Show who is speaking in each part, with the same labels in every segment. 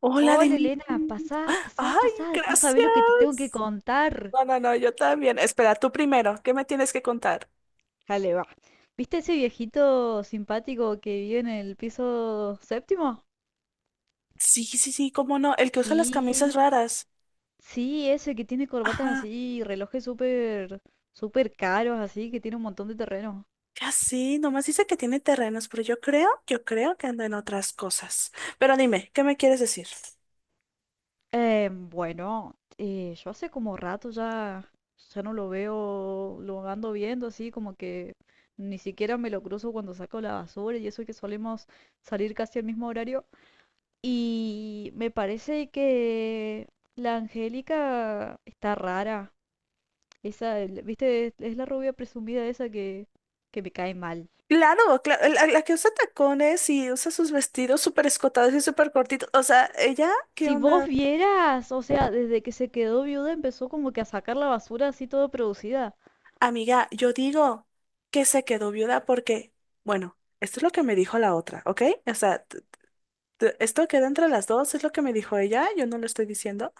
Speaker 1: Hola,
Speaker 2: Hola
Speaker 1: Denise.
Speaker 2: Elena, pasá, pasá,
Speaker 1: Ay,
Speaker 2: pasá, no sabés lo que te tengo que
Speaker 1: gracias.
Speaker 2: contar.
Speaker 1: No, no, no, yo también. Espera, tú primero, ¿qué me tienes que contar?
Speaker 2: Dale, va. ¿Viste ese viejito simpático que vive en el piso séptimo?
Speaker 1: Sí, sí, sí, cómo no, el que usa las camisas
Speaker 2: Sí,
Speaker 1: raras.
Speaker 2: sí, ese que tiene corbatas
Speaker 1: Ajá,
Speaker 2: así, relojes súper, súper caros así, que tiene un montón de terreno.
Speaker 1: ya sí, nomás dice que tiene terrenos, pero yo creo que anda en otras cosas. Pero dime, ¿qué me quieres decir?
Speaker 2: Bueno, yo hace como rato ya, ya no lo veo, lo ando viendo así, como que ni siquiera me lo cruzo cuando saco la basura y eso que solemos salir casi al mismo horario. Y me parece que la Angélica está rara. Esa, viste, es la rubia presumida esa que me cae mal.
Speaker 1: Claro, claro, la que usa tacones y usa sus vestidos súper escotados y súper cortitos. O sea, ¿ella qué
Speaker 2: Si vos
Speaker 1: onda?
Speaker 2: vieras, o sea, desde que se quedó viuda empezó como que a sacar la basura así todo producida.
Speaker 1: Amiga, yo digo que se quedó viuda porque, bueno, esto es lo que me dijo la otra, ¿ok? O sea, esto queda entre las dos, es lo que me dijo ella, yo no lo estoy diciendo,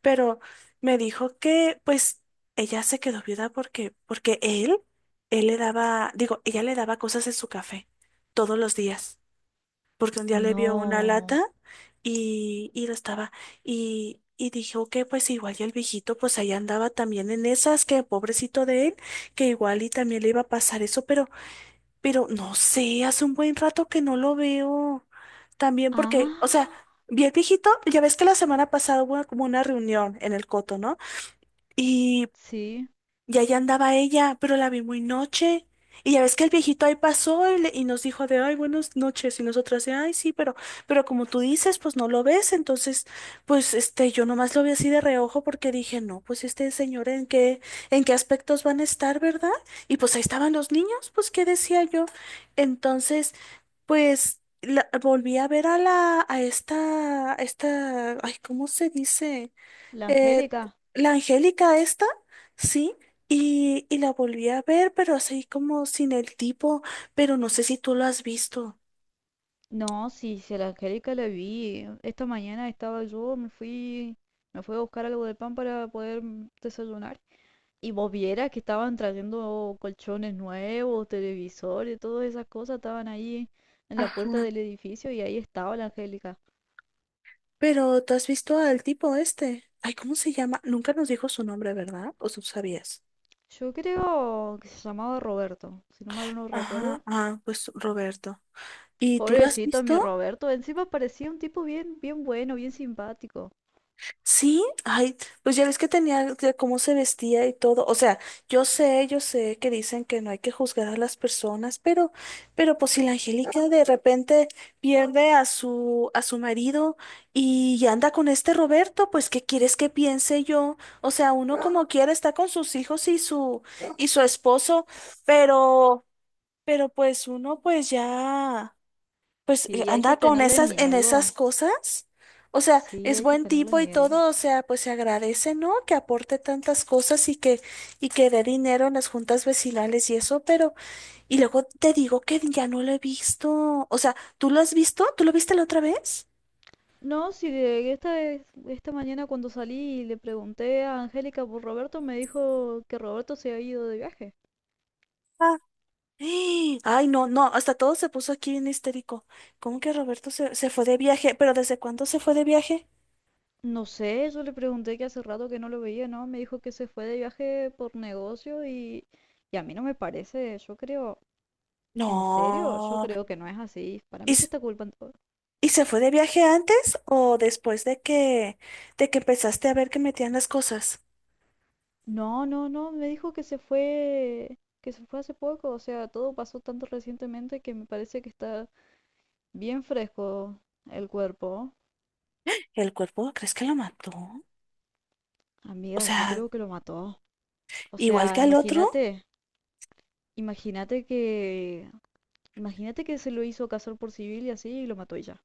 Speaker 1: pero me dijo que, pues, ella se quedó viuda porque él le daba, digo, ella le daba cosas en su café todos los días porque un día le vio una lata
Speaker 2: No.
Speaker 1: y lo estaba. Y dije, ok, pues igual y el viejito, pues ahí andaba también en esas, que pobrecito de él, que igual y también le iba a pasar eso, pero no sé, hace un buen rato que no lo veo. También porque, o sea,
Speaker 2: Ah,
Speaker 1: vi el viejito, ya ves que la semana pasada hubo como una reunión en el Coto, ¿no? y
Speaker 2: sí,
Speaker 1: y allá andaba ella, pero la vi muy noche. Y ya ves que el viejito ahí pasó y, y nos dijo de, ay, buenas noches. Y nosotras de, ay, sí, pero como tú dices, pues no lo ves. Entonces, pues este, yo nomás lo vi así de reojo porque dije, no, pues este señor, en qué aspectos van a estar, verdad? Y pues ahí estaban los niños, pues, ¿qué decía yo? Entonces, pues volví a ver a la, a esta, ay, ¿cómo se dice?
Speaker 2: la
Speaker 1: Eh,
Speaker 2: Angélica.
Speaker 1: la Angélica esta, sí, y la volví a ver, pero así como sin el tipo, pero no sé si tú lo has visto.
Speaker 2: No, sí, sí, a la Angélica la vi. Esta mañana estaba yo, me fui a buscar algo de pan para poder desayunar. Y vos vieras que estaban trayendo colchones nuevos, televisores, todas esas cosas estaban ahí en la puerta
Speaker 1: Ajá.
Speaker 2: del edificio y ahí estaba la Angélica.
Speaker 1: Pero tú has visto al tipo este. Ay, ¿cómo se llama? Nunca nos dijo su nombre, ¿verdad? ¿O tú sabías?
Speaker 2: Yo creo que se llamaba Roberto, si no mal no
Speaker 1: Ajá,
Speaker 2: recuerdo.
Speaker 1: ah, pues Roberto. ¿Y tú lo has
Speaker 2: Pobrecito mi
Speaker 1: visto?
Speaker 2: Roberto, encima parecía un tipo bien, bien bueno, bien simpático.
Speaker 1: Sí, ay, pues ya ves que tenía de cómo se vestía y todo. O sea, yo sé que dicen que no hay que juzgar a las personas, pero pues si la Angélica de repente pierde a su marido y anda con este Roberto, pues ¿qué quieres que piense yo? O sea, uno como quiera está con sus hijos y y su esposo, pero, pero pues uno pues ya. Pues
Speaker 2: Sí, hay que
Speaker 1: anda con
Speaker 2: tenerle
Speaker 1: esas, en esas
Speaker 2: miedo.
Speaker 1: cosas. O sea,
Speaker 2: Sí,
Speaker 1: es
Speaker 2: hay que
Speaker 1: buen
Speaker 2: tenerle
Speaker 1: tipo y
Speaker 2: miedo.
Speaker 1: todo, o sea, pues se agradece, ¿no? Que aporte tantas cosas y que dé dinero en las juntas vecinales y eso, pero, y luego te digo que ya no lo he visto. O sea, ¿tú lo has visto? ¿Tú lo viste la otra vez?
Speaker 2: No, si esta mañana cuando salí y le pregunté a Angélica por Roberto, me dijo que Roberto se ha ido de viaje.
Speaker 1: Ah, ¡Eh! Ay, no, no, hasta todo se puso aquí bien histérico. ¿Cómo que Roberto se fue de viaje? ¿Pero desde cuándo se fue de viaje?
Speaker 2: No sé, yo le pregunté que hace rato que no lo veía, ¿no? Me dijo que se fue de viaje por negocio y a mí no me parece, yo creo, ¿en serio? Yo
Speaker 1: No.
Speaker 2: creo que no es así. Para
Speaker 1: ¿Y,
Speaker 2: mí que está culpando.
Speaker 1: ¿Y se fue de viaje antes o después de de que empezaste a ver que metían las cosas?
Speaker 2: No, no, no, me dijo que se fue hace poco, o sea, todo pasó tanto recientemente que me parece que está bien fresco el cuerpo.
Speaker 1: ¿El cuerpo crees que lo mató? O
Speaker 2: Amiga, yo
Speaker 1: sea,
Speaker 2: creo que lo mató. O
Speaker 1: igual que
Speaker 2: sea,
Speaker 1: al otro,
Speaker 2: imagínate, imagínate imagínate que se lo hizo casar por civil y así y lo mató y ya.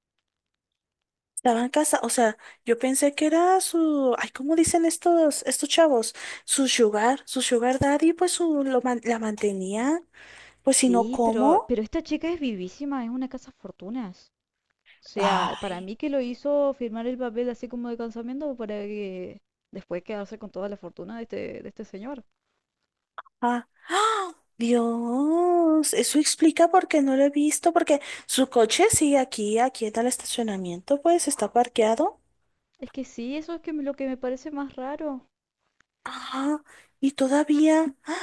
Speaker 1: estaba en casa. O sea, yo pensé que era su, ay, ¿cómo dicen estos chavos? Su sugar daddy, pues su, la mantenía. Pues si no,
Speaker 2: Sí,
Speaker 1: ¿cómo?
Speaker 2: pero esta chica es vivísima, es una casa fortunas. O sea, para
Speaker 1: Ay,
Speaker 2: mí que lo hizo firmar el papel así como de casamiento para que después quedarse con toda la fortuna de este señor.
Speaker 1: ah, ¡ah! Dios, eso explica por qué no lo he visto, porque su coche sigue aquí, aquí en el estacionamiento, pues está parqueado.
Speaker 2: Es que sí, eso es que lo que me parece más raro.
Speaker 1: Ah, y todavía, ¡ah!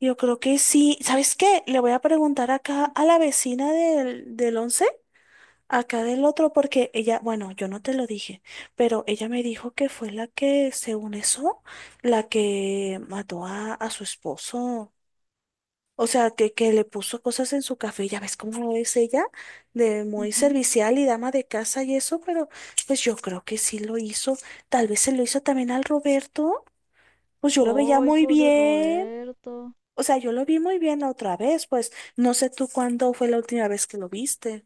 Speaker 1: Yo creo que sí. ¿Sabes qué? Le voy a preguntar acá a la vecina del 11 acá del otro, porque ella, bueno, yo no te lo dije, pero ella me dijo que fue la que, según eso, la que mató a su esposo. O sea, que le puso cosas en su café. Ya ves cómo es ella, de muy
Speaker 2: Ujú.
Speaker 1: servicial y dama de casa y eso, pero pues yo creo que sí lo hizo. Tal vez se lo hizo también al Roberto. Pues yo lo veía
Speaker 2: Ay,
Speaker 1: muy
Speaker 2: pobre
Speaker 1: bien.
Speaker 2: Roberto.
Speaker 1: O sea, yo lo vi muy bien la otra vez, pues no sé tú cuándo fue la última vez que lo viste.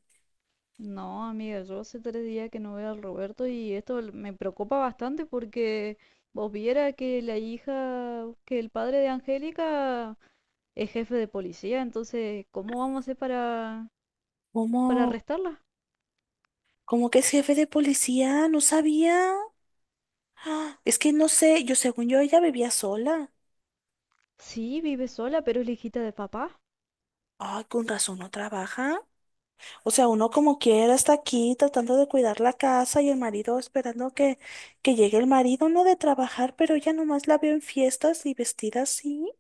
Speaker 2: No, amiga, yo hace tres días que no veo al Roberto y esto me preocupa bastante porque vos viera que la hija, que el padre de Angélica es jefe de policía, entonces, ¿cómo vamos a hacer para
Speaker 1: ¿Cómo?
Speaker 2: arrestarla?
Speaker 1: ¿Cómo que es jefe de policía? No sabía. Ah, es que no sé, yo según yo ella vivía sola.
Speaker 2: Sí, vive sola, pero es la hijita de papá.
Speaker 1: Ay, con razón no trabaja. O sea, uno como quiera está aquí tratando de cuidar la casa y el marido esperando que llegue el marido, no de trabajar, pero ella nomás la veo en fiestas y vestida así.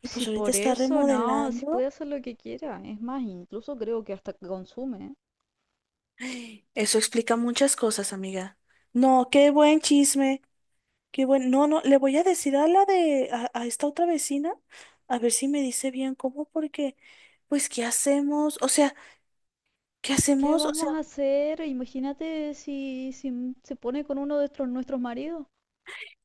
Speaker 1: Y pues
Speaker 2: Si
Speaker 1: ahorita
Speaker 2: por
Speaker 1: está
Speaker 2: eso, no, si
Speaker 1: remodelando.
Speaker 2: puede hacer lo que quiera. Es más, incluso creo que hasta consume, ¿eh?
Speaker 1: Eso explica muchas cosas, amiga. No, qué buen chisme, qué buen. No, no, le voy a decir a la de, a esta otra vecina, a ver si me dice bien cómo, porque, pues, ¿qué hacemos? O sea, ¿qué
Speaker 2: ¿Qué
Speaker 1: hacemos? O sea,
Speaker 2: vamos a hacer? Imagínate si, se pone con uno de nuestros maridos.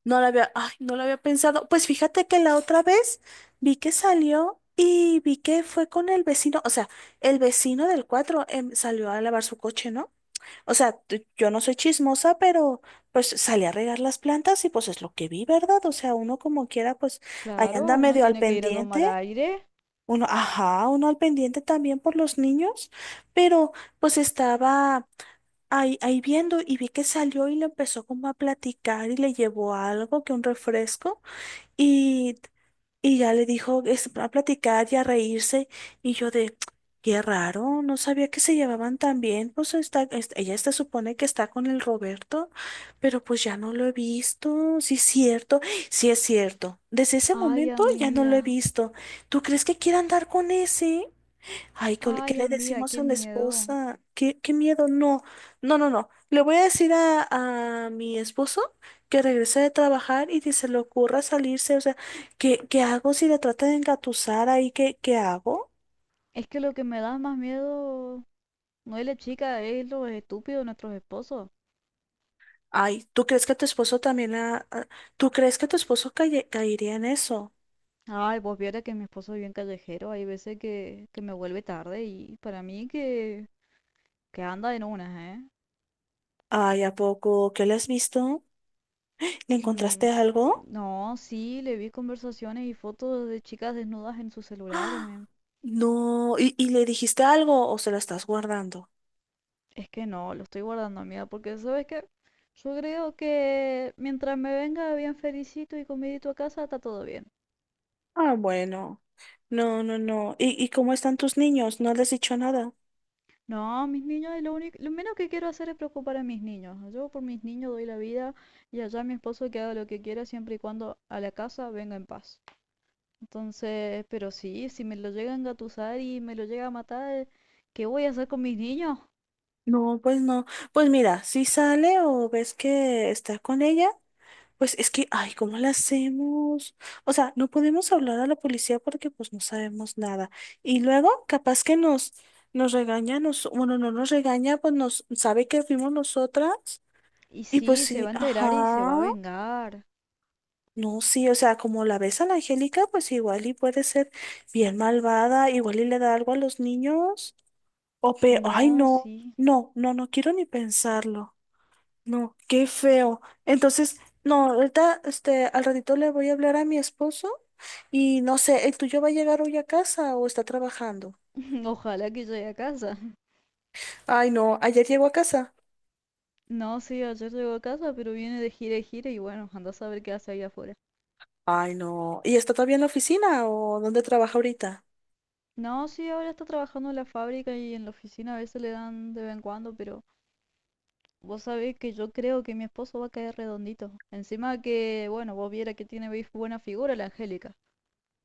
Speaker 1: no la había, ay, no la había pensado. Pues fíjate que la otra vez vi que salió y vi que fue con el vecino, o sea, el vecino del 4 salió a lavar su coche, ¿no? O sea, yo no soy chismosa, pero pues salí a regar las plantas y pues es lo que vi, ¿verdad? O sea, uno como quiera, pues ahí
Speaker 2: Claro,
Speaker 1: anda
Speaker 2: uno
Speaker 1: medio al
Speaker 2: tiene que ir a tomar
Speaker 1: pendiente.
Speaker 2: aire.
Speaker 1: Uno, ajá, uno al pendiente también por los niños, pero pues estaba ahí, ahí viendo y vi que salió y le empezó como a platicar y le llevó algo, que un refresco. y y ya le dijo es, a platicar y a reírse. Y yo de, qué raro, no sabía que se llevaban tan bien. Pues está, ella se supone que está con el Roberto, pero pues ya no lo he visto. Sí es cierto. Desde ese
Speaker 2: Ay,
Speaker 1: momento ya no lo
Speaker 2: amiga.
Speaker 1: he visto. ¿Tú crees que quiera andar con ese? Ay, le qué
Speaker 2: Ay,
Speaker 1: le
Speaker 2: amiga,
Speaker 1: decimos
Speaker 2: qué
Speaker 1: a la
Speaker 2: miedo.
Speaker 1: esposa? ¿Qué, qué miedo? No, no, no, no. Le voy a decir a mi esposo que regrese de trabajar y que se le ocurra salirse. O sea, ¿qué, qué hago si le trata de engatusar ahí? ¿Qué, qué hago?
Speaker 2: Es que lo que me da más miedo no es la chica, es lo estúpido de nuestros esposos.
Speaker 1: Ay, ¿tú crees que tu esposo también ¿tú crees que tu esposo caería en eso?
Speaker 2: Ay, pues viera que mi esposo es bien callejero, hay veces que me vuelve tarde y para mí que anda en unas, ¿eh?
Speaker 1: Ay, ¿a poco? ¿Qué le has visto? ¿Le
Speaker 2: Mm,
Speaker 1: encontraste algo?
Speaker 2: no, sí, le vi conversaciones y fotos de chicas desnudas en su celular,
Speaker 1: ¡Ah!
Speaker 2: men.
Speaker 1: No, ¿y le dijiste algo o se lo estás guardando?
Speaker 2: Es que no, lo estoy guardando, amiga, porque sabes que yo creo que mientras me venga bien felicito y comidito a casa, está todo bien.
Speaker 1: Ah, bueno. No, no, no. ¿Y cómo están tus niños? ¿No les has dicho nada?
Speaker 2: No, mis niños, es lo único, lo menos que quiero hacer es preocupar a mis niños. Yo por mis niños doy la vida y allá mi esposo que haga lo que quiera siempre y cuando a la casa venga en paz. Entonces, pero sí, si me lo llega a engatusar y me lo llega a matar, ¿qué voy a hacer con mis niños?
Speaker 1: No, pues no. Pues mira, si sale o ves que está con ella, pues es que, ay, ¿cómo la hacemos? O sea, no podemos hablar a la policía porque pues no sabemos nada. Y luego, capaz que nos, nos regaña, nos, bueno, no nos regaña, pues nos sabe que fuimos nosotras.
Speaker 2: Y
Speaker 1: Y pues
Speaker 2: sí, se va
Speaker 1: sí,
Speaker 2: a enterar y se
Speaker 1: ajá.
Speaker 2: va a vengar.
Speaker 1: No, sí, o sea, como la ves a la Angélica, pues igual y puede ser bien malvada, igual y le da algo a los niños. O pe, ay,
Speaker 2: No,
Speaker 1: no,
Speaker 2: sí.
Speaker 1: no, no, no quiero ni pensarlo. No, qué feo. Entonces, no, ahorita, este, al ratito le voy a hablar a mi esposo y no sé, ¿el tuyo va a llegar hoy a casa o está trabajando?
Speaker 2: Ojalá que llegue a casa.
Speaker 1: Ay, no, ayer llegó a casa.
Speaker 2: No, sí, ayer llegó a casa, pero viene de gira y gira y bueno, anda a saber qué hace ahí afuera.
Speaker 1: Ay, no, ¿y está todavía en la oficina o dónde trabaja ahorita?
Speaker 2: No, sí, ahora está trabajando en la fábrica y en la oficina a veces le dan de vez en cuando, pero vos sabés que yo creo que mi esposo va a caer redondito. Encima que, bueno, vos viera que tiene buena figura la Angélica.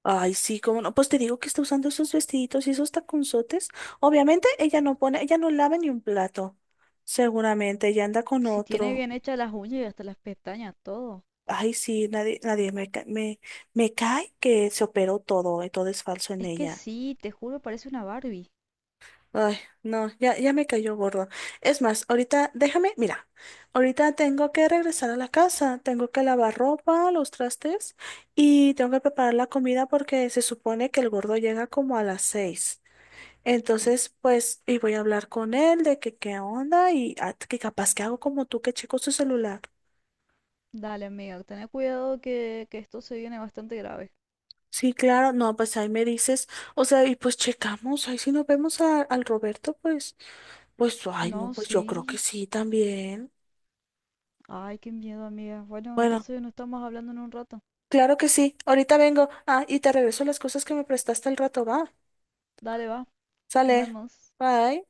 Speaker 1: Ay, sí, cómo no. Pues te digo que está usando esos vestiditos y esos taconzotes. Obviamente ella no pone, ella no lava ni un plato. Seguramente ella anda con
Speaker 2: Si tiene
Speaker 1: otro.
Speaker 2: bien hechas las uñas y hasta las pestañas, todo.
Speaker 1: Ay, sí, nadie, me, me cae que se operó todo y todo es falso en
Speaker 2: Es que
Speaker 1: ella.
Speaker 2: sí, te juro, parece una Barbie.
Speaker 1: Ay, no, ya, ya me cayó gordo. Es más, ahorita déjame, mira, ahorita tengo que regresar a la casa, tengo que lavar ropa, los trastes y tengo que preparar la comida porque se supone que el gordo llega como a las 6. Entonces, pues, y voy a hablar con él de que qué onda y ah, que capaz que hago como tú que checo su celular.
Speaker 2: Dale, amiga, ten cuidado que esto se viene bastante grave.
Speaker 1: Sí, claro, no, pues ahí me dices, o sea, y pues checamos, ahí si nos vemos al Roberto, pues, pues, ay, no,
Speaker 2: No,
Speaker 1: pues yo creo que
Speaker 2: sí.
Speaker 1: sí también.
Speaker 2: Ay, qué miedo, amiga. Bueno,
Speaker 1: Bueno,
Speaker 2: entonces no estamos hablando en un rato.
Speaker 1: claro que sí, ahorita vengo, ah, y te regreso las cosas que me prestaste al rato, va,
Speaker 2: Dale, va. Nos
Speaker 1: sale,
Speaker 2: vemos.
Speaker 1: bye.